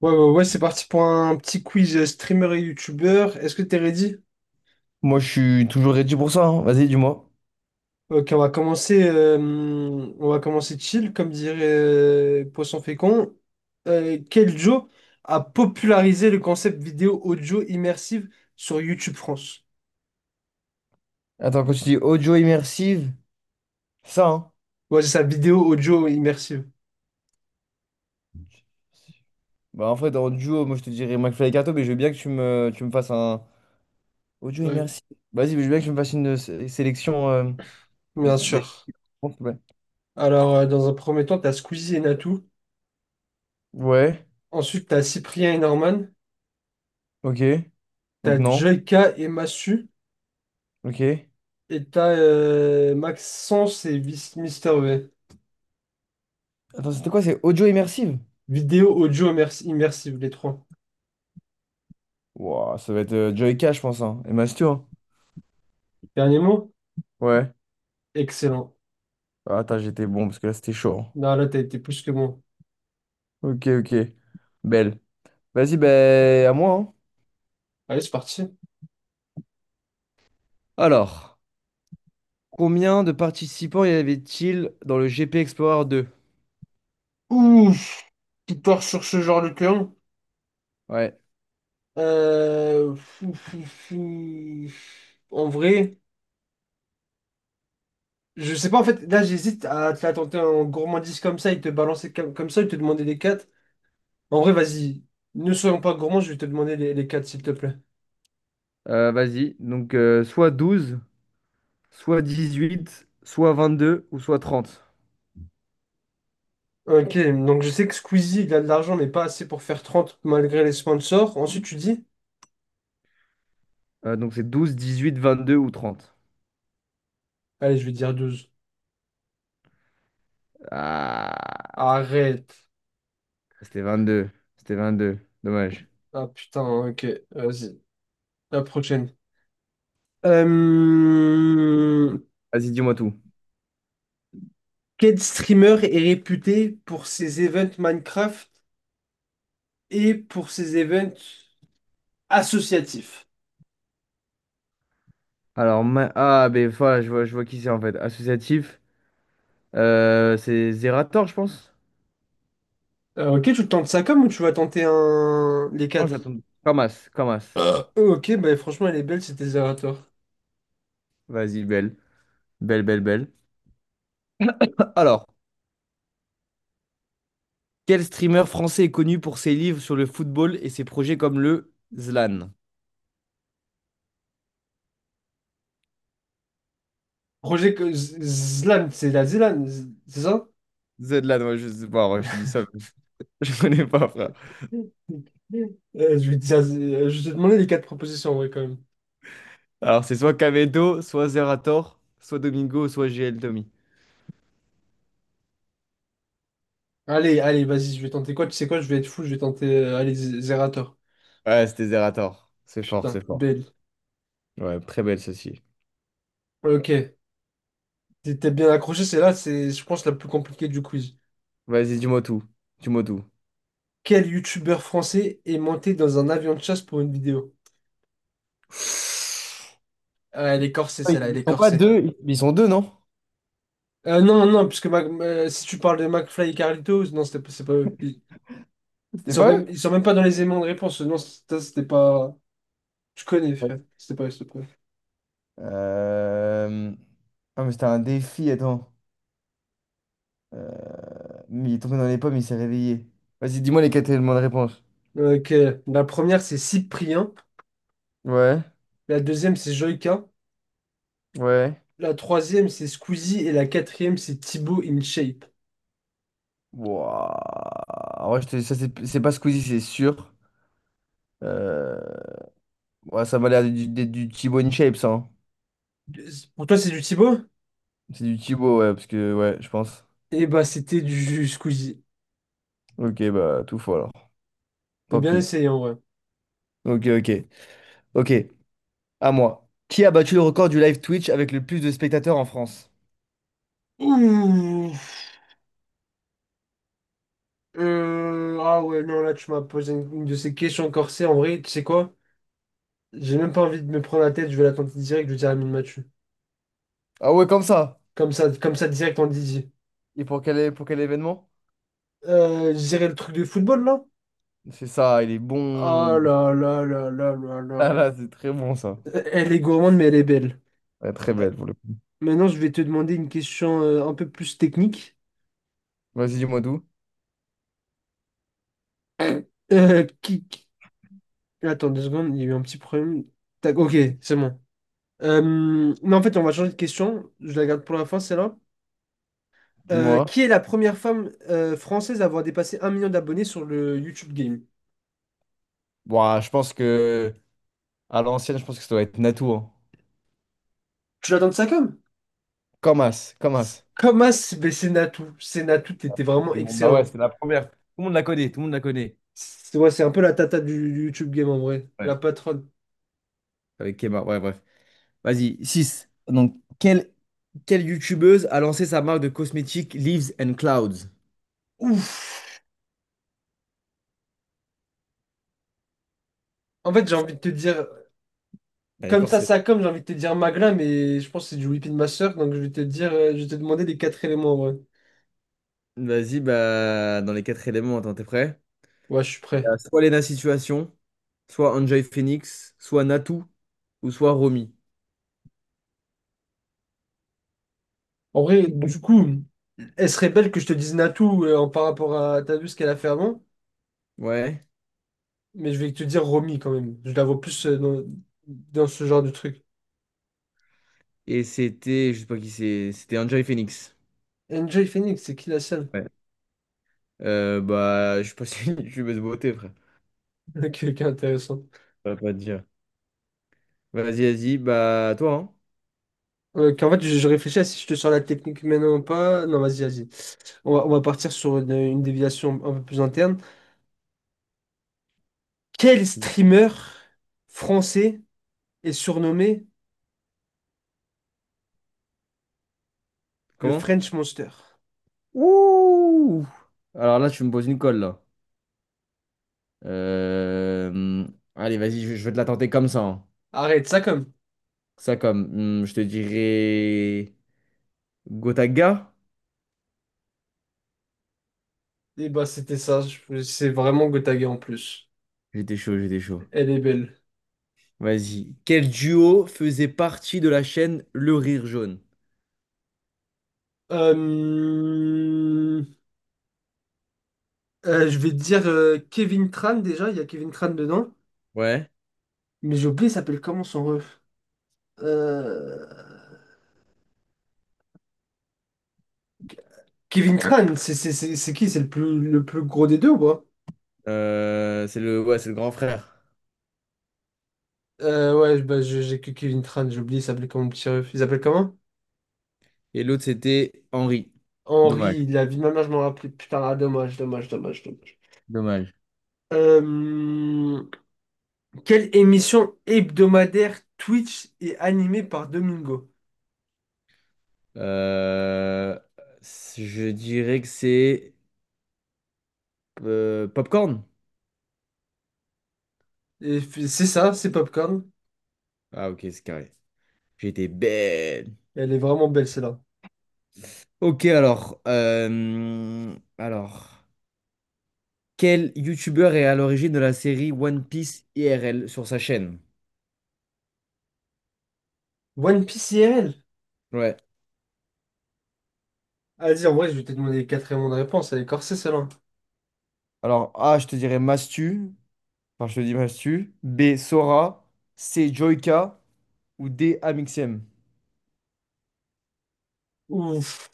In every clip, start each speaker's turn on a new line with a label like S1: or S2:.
S1: Ouais, ouais, ouais, c'est parti pour un petit quiz streamer et youtubeur. Est-ce que t'es ready?
S2: Moi, je suis toujours ready pour ça, hein. Vas-y, dis-moi.
S1: Ok, on va commencer chill, comme dirait Poisson Fécond. Quel Joe a popularisé le concept vidéo audio immersive sur YouTube France?
S2: Attends, quand tu dis audio immersive, c'est ça, hein.
S1: Ouais, c'est ça, vidéo audio immersive.
S2: Bah, en fait, en duo, moi, je te dirais McFly et Carto, mais je veux bien que tu me fasses un audio
S1: Oui,
S2: immersive. Vas-y, mais je veux bien que tu me fasses une sélection
S1: bien
S2: des
S1: sûr.
S2: réponses, ouais.
S1: Alors, dans un premier temps, t'as Squeezie et Natou.
S2: Ouais,
S1: Ensuite, t'as Cyprien et Norman.
S2: ok. Donc,
S1: T'as
S2: non.
S1: Joyka et Massu.
S2: Ok.
S1: Et t'as Maxence et Mister V.
S2: Attends, c'était quoi? C'est audio immersive?
S1: Vidéo, audio, immersive, les trois.
S2: Wouah, ça va être Joy Cash, je pense, hein. Et Mastu, hein.
S1: Dernier mot?
S2: Ouais.
S1: Excellent.
S2: Ah, attends, j'étais bon, parce que là, c'était chaud, hein.
S1: Non, là, t'as été plus que bon.
S2: Ok, ok. Belle. Vas-y, ben, à moi, hein.
S1: Allez, c'est parti.
S2: Alors. Combien de participants y avait-il dans le GP Explorer 2?
S1: Ouf! Tu pars sur ce genre de terrain.
S2: Ouais.
S1: Fou, fou, fou. En vrai, je sais pas, en fait, là, j'hésite à te la tenter en gourmandise comme ça et te balancer comme, comme ça et te demander les quatre. En vrai, vas-y, ne soyons pas gourmands, je vais te demander les quatre, s'il te plaît.
S2: Vas-y. Donc, soit 12, soit 18, soit 22 ou soit 30.
S1: Ok, donc je sais que Squeezie, il a de l'argent, mais pas assez pour faire 30 malgré les sponsors. Ensuite, tu dis?
S2: Donc, c'est 12, 18, 22 ou 30.
S1: Allez, je vais dire 12.
S2: Ah,
S1: Arrête.
S2: c'était 22. C'était 22. Dommage.
S1: Ah putain, ok. Vas-y. La prochaine. Euh,
S2: Vas-y, dis-moi tout.
S1: Quel streamer est réputé pour ses events Minecraft et pour ses events associatifs?
S2: Alors, ben, voilà, je vois qui c'est en fait. Associatif. C'est Zerator, je pense.
S1: Ok, tu tentes ça comme ou tu vas tenter un... les
S2: Non,
S1: quatre?
S2: j'attends. Kamas, Kamas.
S1: Ok, bah franchement, elle est belle, c'était Zerator.
S2: Vas-y, belle. Belle, belle, belle. Alors, quel streamer français est connu pour ses livres sur le football et ses projets comme le ZLAN?
S1: Projet que Zlan, c'est la Zlan, Z- c'est ça?
S2: ZLAN, ouais, je sais pas, ouais, je te dis ça, mais je connais pas, frère.
S1: Je vais te demander les quatre propositions, en vrai quand même.
S2: Alors, c'est soit Kamedo, soit Zerator, soit Domingo, soit GL Tommy.
S1: Allez, allez, vas-y, je vais tenter quoi? Tu sais quoi? Je vais être fou, je vais tenter. Allez, Zerator.
S2: Ouais, c'était Zerator. C'est fort,
S1: Putain,
S2: c'est fort.
S1: belle.
S2: Ouais, très belle ceci.
S1: Ok, t'es bien accroché, c'est là, c'est, je pense, la plus compliquée du quiz.
S2: Vas-y, dis-moi tout. Dis-moi tout.
S1: Quel youtubeur français est monté dans un avion de chasse pour une vidéo? Ah, elle est corsée, celle-là, elle
S2: Ils
S1: est
S2: sont pas
S1: corsée.
S2: deux, ils sont deux, non?
S1: Non, non, puisque si tu parles de McFly et Carlitos, non, c'est pas eux.
S2: C'était pas eux?
S1: Ils sont même pas dans les aimants de réponse. Non, c'était pas. Tu connais,
S2: Ouais.
S1: frère. C'était pas eux, c'était pas
S2: Euh, Ah, mais c'était un défi, attends. Mais il est tombé dans les pommes, il s'est réveillé. Vas-y, dis-moi les quatre éléments de réponse.
S1: eux. Ok, la première, c'est Cyprien.
S2: Ouais,
S1: La deuxième, c'est Joyka.
S2: ouais.
S1: La troisième, c'est Squeezie. Et la quatrième, c'est Thibaut InShape.
S2: Wouah. Ouais, ça, c'est pas Squeezie, c'est sûr. Euh, Ouais, ça m'a l'air du Thibaut InShape, ça, hein.
S1: Pour toi, c'est du Thibaut?
S2: C'est du Thibaut, ouais, parce que, ouais, je pense.
S1: Eh bah, c'était du Squeezie.
S2: Ok, bah, tout faux alors.
S1: Mais
S2: Tant
S1: bien
S2: pis.
S1: essayé, en vrai.
S2: Ok, ok. Ok, à moi. Qui a battu le record du live Twitch avec le plus de spectateurs en France?
S1: Ouh. Ah ouais, non, là, tu m'as posé une de ces questions corsées. En vrai, tu sais quoi? J'ai même pas envie de me prendre la tête. Je vais la tenter direct. Je vais dire Amine Mathieu.
S2: Ah ouais, comme ça.
S1: Comme ça, direct en Didier.
S2: Et pour quel événement?
S1: Je dirais le truc de football, là?
S2: C'est ça, il est bon.
S1: Ah là là là là là là.
S2: Ah là, c'est très bon, ça.
S1: Elle est gourmande, mais elle est belle.
S2: Ouais, très belle pour le.
S1: Maintenant, je vais te demander une question un peu plus technique.
S2: Vas-y, dis-moi d'où.
S1: Euh, qui, Attends deux secondes, il y a eu un petit problème. Tac, ok, c'est bon. Euh, non, en fait, on va changer de question. Je la garde pour la fin, celle-là.
S2: Dis-moi.
S1: Qui est la première femme française à avoir dépassé un million d'abonnés sur le YouTube Game?
S2: Bon, je pense que à l'ancienne, je pense que ça doit être Natou, hein.
S1: Tu l'attends de ça comme?
S2: Comme As, comme As.
S1: Comme mais c'est Natou. C'est Natou, t'étais vraiment
S2: Et bon, bah
S1: excellent.
S2: ouais, c'est la première. Tout le monde la connaît, tout le monde la connaît.
S1: C'est ouais, c'est un peu la tata du YouTube Game en vrai.
S2: Ouais.
S1: La patronne.
S2: Avec Kema, ouais, bref. Vas-y, 6 donc, quelle youtubeuse a lancé sa marque de cosmétiques Leaves and Clouds?
S1: Ouf! En fait, j'ai envie de te dire,
S2: Elle est
S1: comme ça,
S2: corsée.
S1: ça comme, j'ai envie de te dire Magla, mais je pense que c'est du Whipping Master, donc je vais te dire, je vais te demander les quatre éléments en vrai.
S2: Vas-y, bah, dans les quatre éléments, attends, t'es prêt?
S1: Ouais, je suis prêt.
S2: Soit Lena Situation, soit Enjoy Phoenix, soit Natou, ou soit Romy.
S1: En vrai, bon, du coup, elle serait belle que je te dise Natou par rapport à... T'as vu ce qu'elle a fait avant?
S2: Ouais.
S1: Mais je vais te dire Romy quand même. Je la vois plus dans ce genre de truc.
S2: Et c'était, je sais pas qui c'est, c'était Enjoy Phoenix.
S1: Enjoy Phoenix, c'est qui la seule?
S2: Bah, je suis pas si passe une jumeuse beauté, frère.
S1: Ok, ok, intéressant.
S2: Ça va pas te dire. Vas-y, vas-y. Bah, toi,
S1: Je réfléchis à si je te sors la technique maintenant ou pas. Non, vas-y, vas-y. On va partir sur une déviation un peu plus interne. Quel
S2: hein?
S1: streamer français est surnommé le
S2: Comment?
S1: French Monster?
S2: Ouh! Alors là, tu me poses une colle, là. Euh, Allez, vas-y, je vais te la tenter comme ça, hein.
S1: Arrête, ça comme.
S2: Ça, comme. Je te dirais. Gotaga?
S1: Et bah, c'était ça. C'est vraiment Gotaga en plus.
S2: J'étais chaud, j'étais chaud.
S1: Elle est belle.
S2: Vas-y. Quel duo faisait partie de la chaîne Le Rire Jaune?
S1: Euh, je vais te dire Kevin Tran déjà, il y a Kevin Tran dedans,
S2: Ouais.
S1: mais j'ai oublié, il s'appelle comment son ref? Euh, Kevin Tran, c'est qui? C'est le plus gros des deux ou pas?
S2: Ouais, c'est le grand frère.
S1: Ouais, bah, j'ai que Kevin Tran, j'ai oublié, il s'appelait comment le petit ref? Il s'appelle comment?
S2: Et l'autre, c'était Henri. Dommage,
S1: Henri, la vie de ma mère, je m'en rappelais. Putain, ah, dommage, dommage, dommage, dommage.
S2: dommage.
S1: Euh, quelle émission hebdomadaire Twitch est animée par Domingo?
S2: Euh, je dirais que c'est Popcorn.
S1: C'est ça, c'est Popcorn.
S2: Ah ok, c'est carré. J'étais bête.
S1: Elle est vraiment belle celle-là.
S2: Ok, alors, quel youtubeur est à l'origine de la série One Piece IRL sur sa chaîne?
S1: One Piece IRL?
S2: Ouais.
S1: Vas-y, en vrai, je vais te demander les quatre éléments de réponse. Elle est corsée, celle-là.
S2: Alors A, je te dirais Mastu. Enfin, je te dis Mastu. B, Sora. C, Joyka. Ou D, Amixem.
S1: Ouf.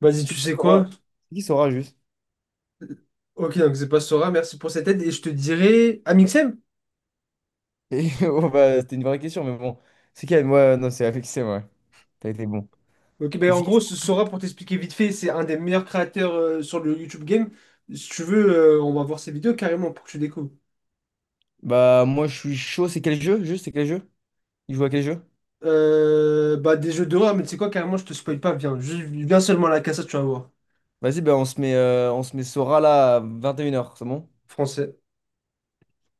S1: Vas-y,
S2: C'est
S1: tu
S2: qui
S1: sais quoi?
S2: Sora? C'est qui Sora juste?
S1: Ok, donc c'est pas Sora. Merci pour cette aide. Et je te dirai... Amixem?
S2: Et bon, bah, c'était une vraie question, mais bon. C'est quelle? Moi, non, c'est Alexem, ouais. T'as été bon.
S1: Ok, ben
S2: Mais
S1: en
S2: c'est qui.
S1: gros, ce Sora, pour t'expliquer vite fait, c'est un des meilleurs créateurs sur le YouTube Game. Si tu veux, on va voir ses vidéos carrément pour que tu découvres.
S2: Bah, moi, je suis chaud. C'est quel jeu? Juste, c'est quel jeu? Il joue à quel jeu?
S1: Bah, des jeux d'horreur, mais tu sais quoi, carrément, je te spoil pas. Viens, viens seulement à la cassette, tu vas voir.
S2: Vas-y, bah, on se met Sora là à 21 heures, c'est bon?
S1: Français.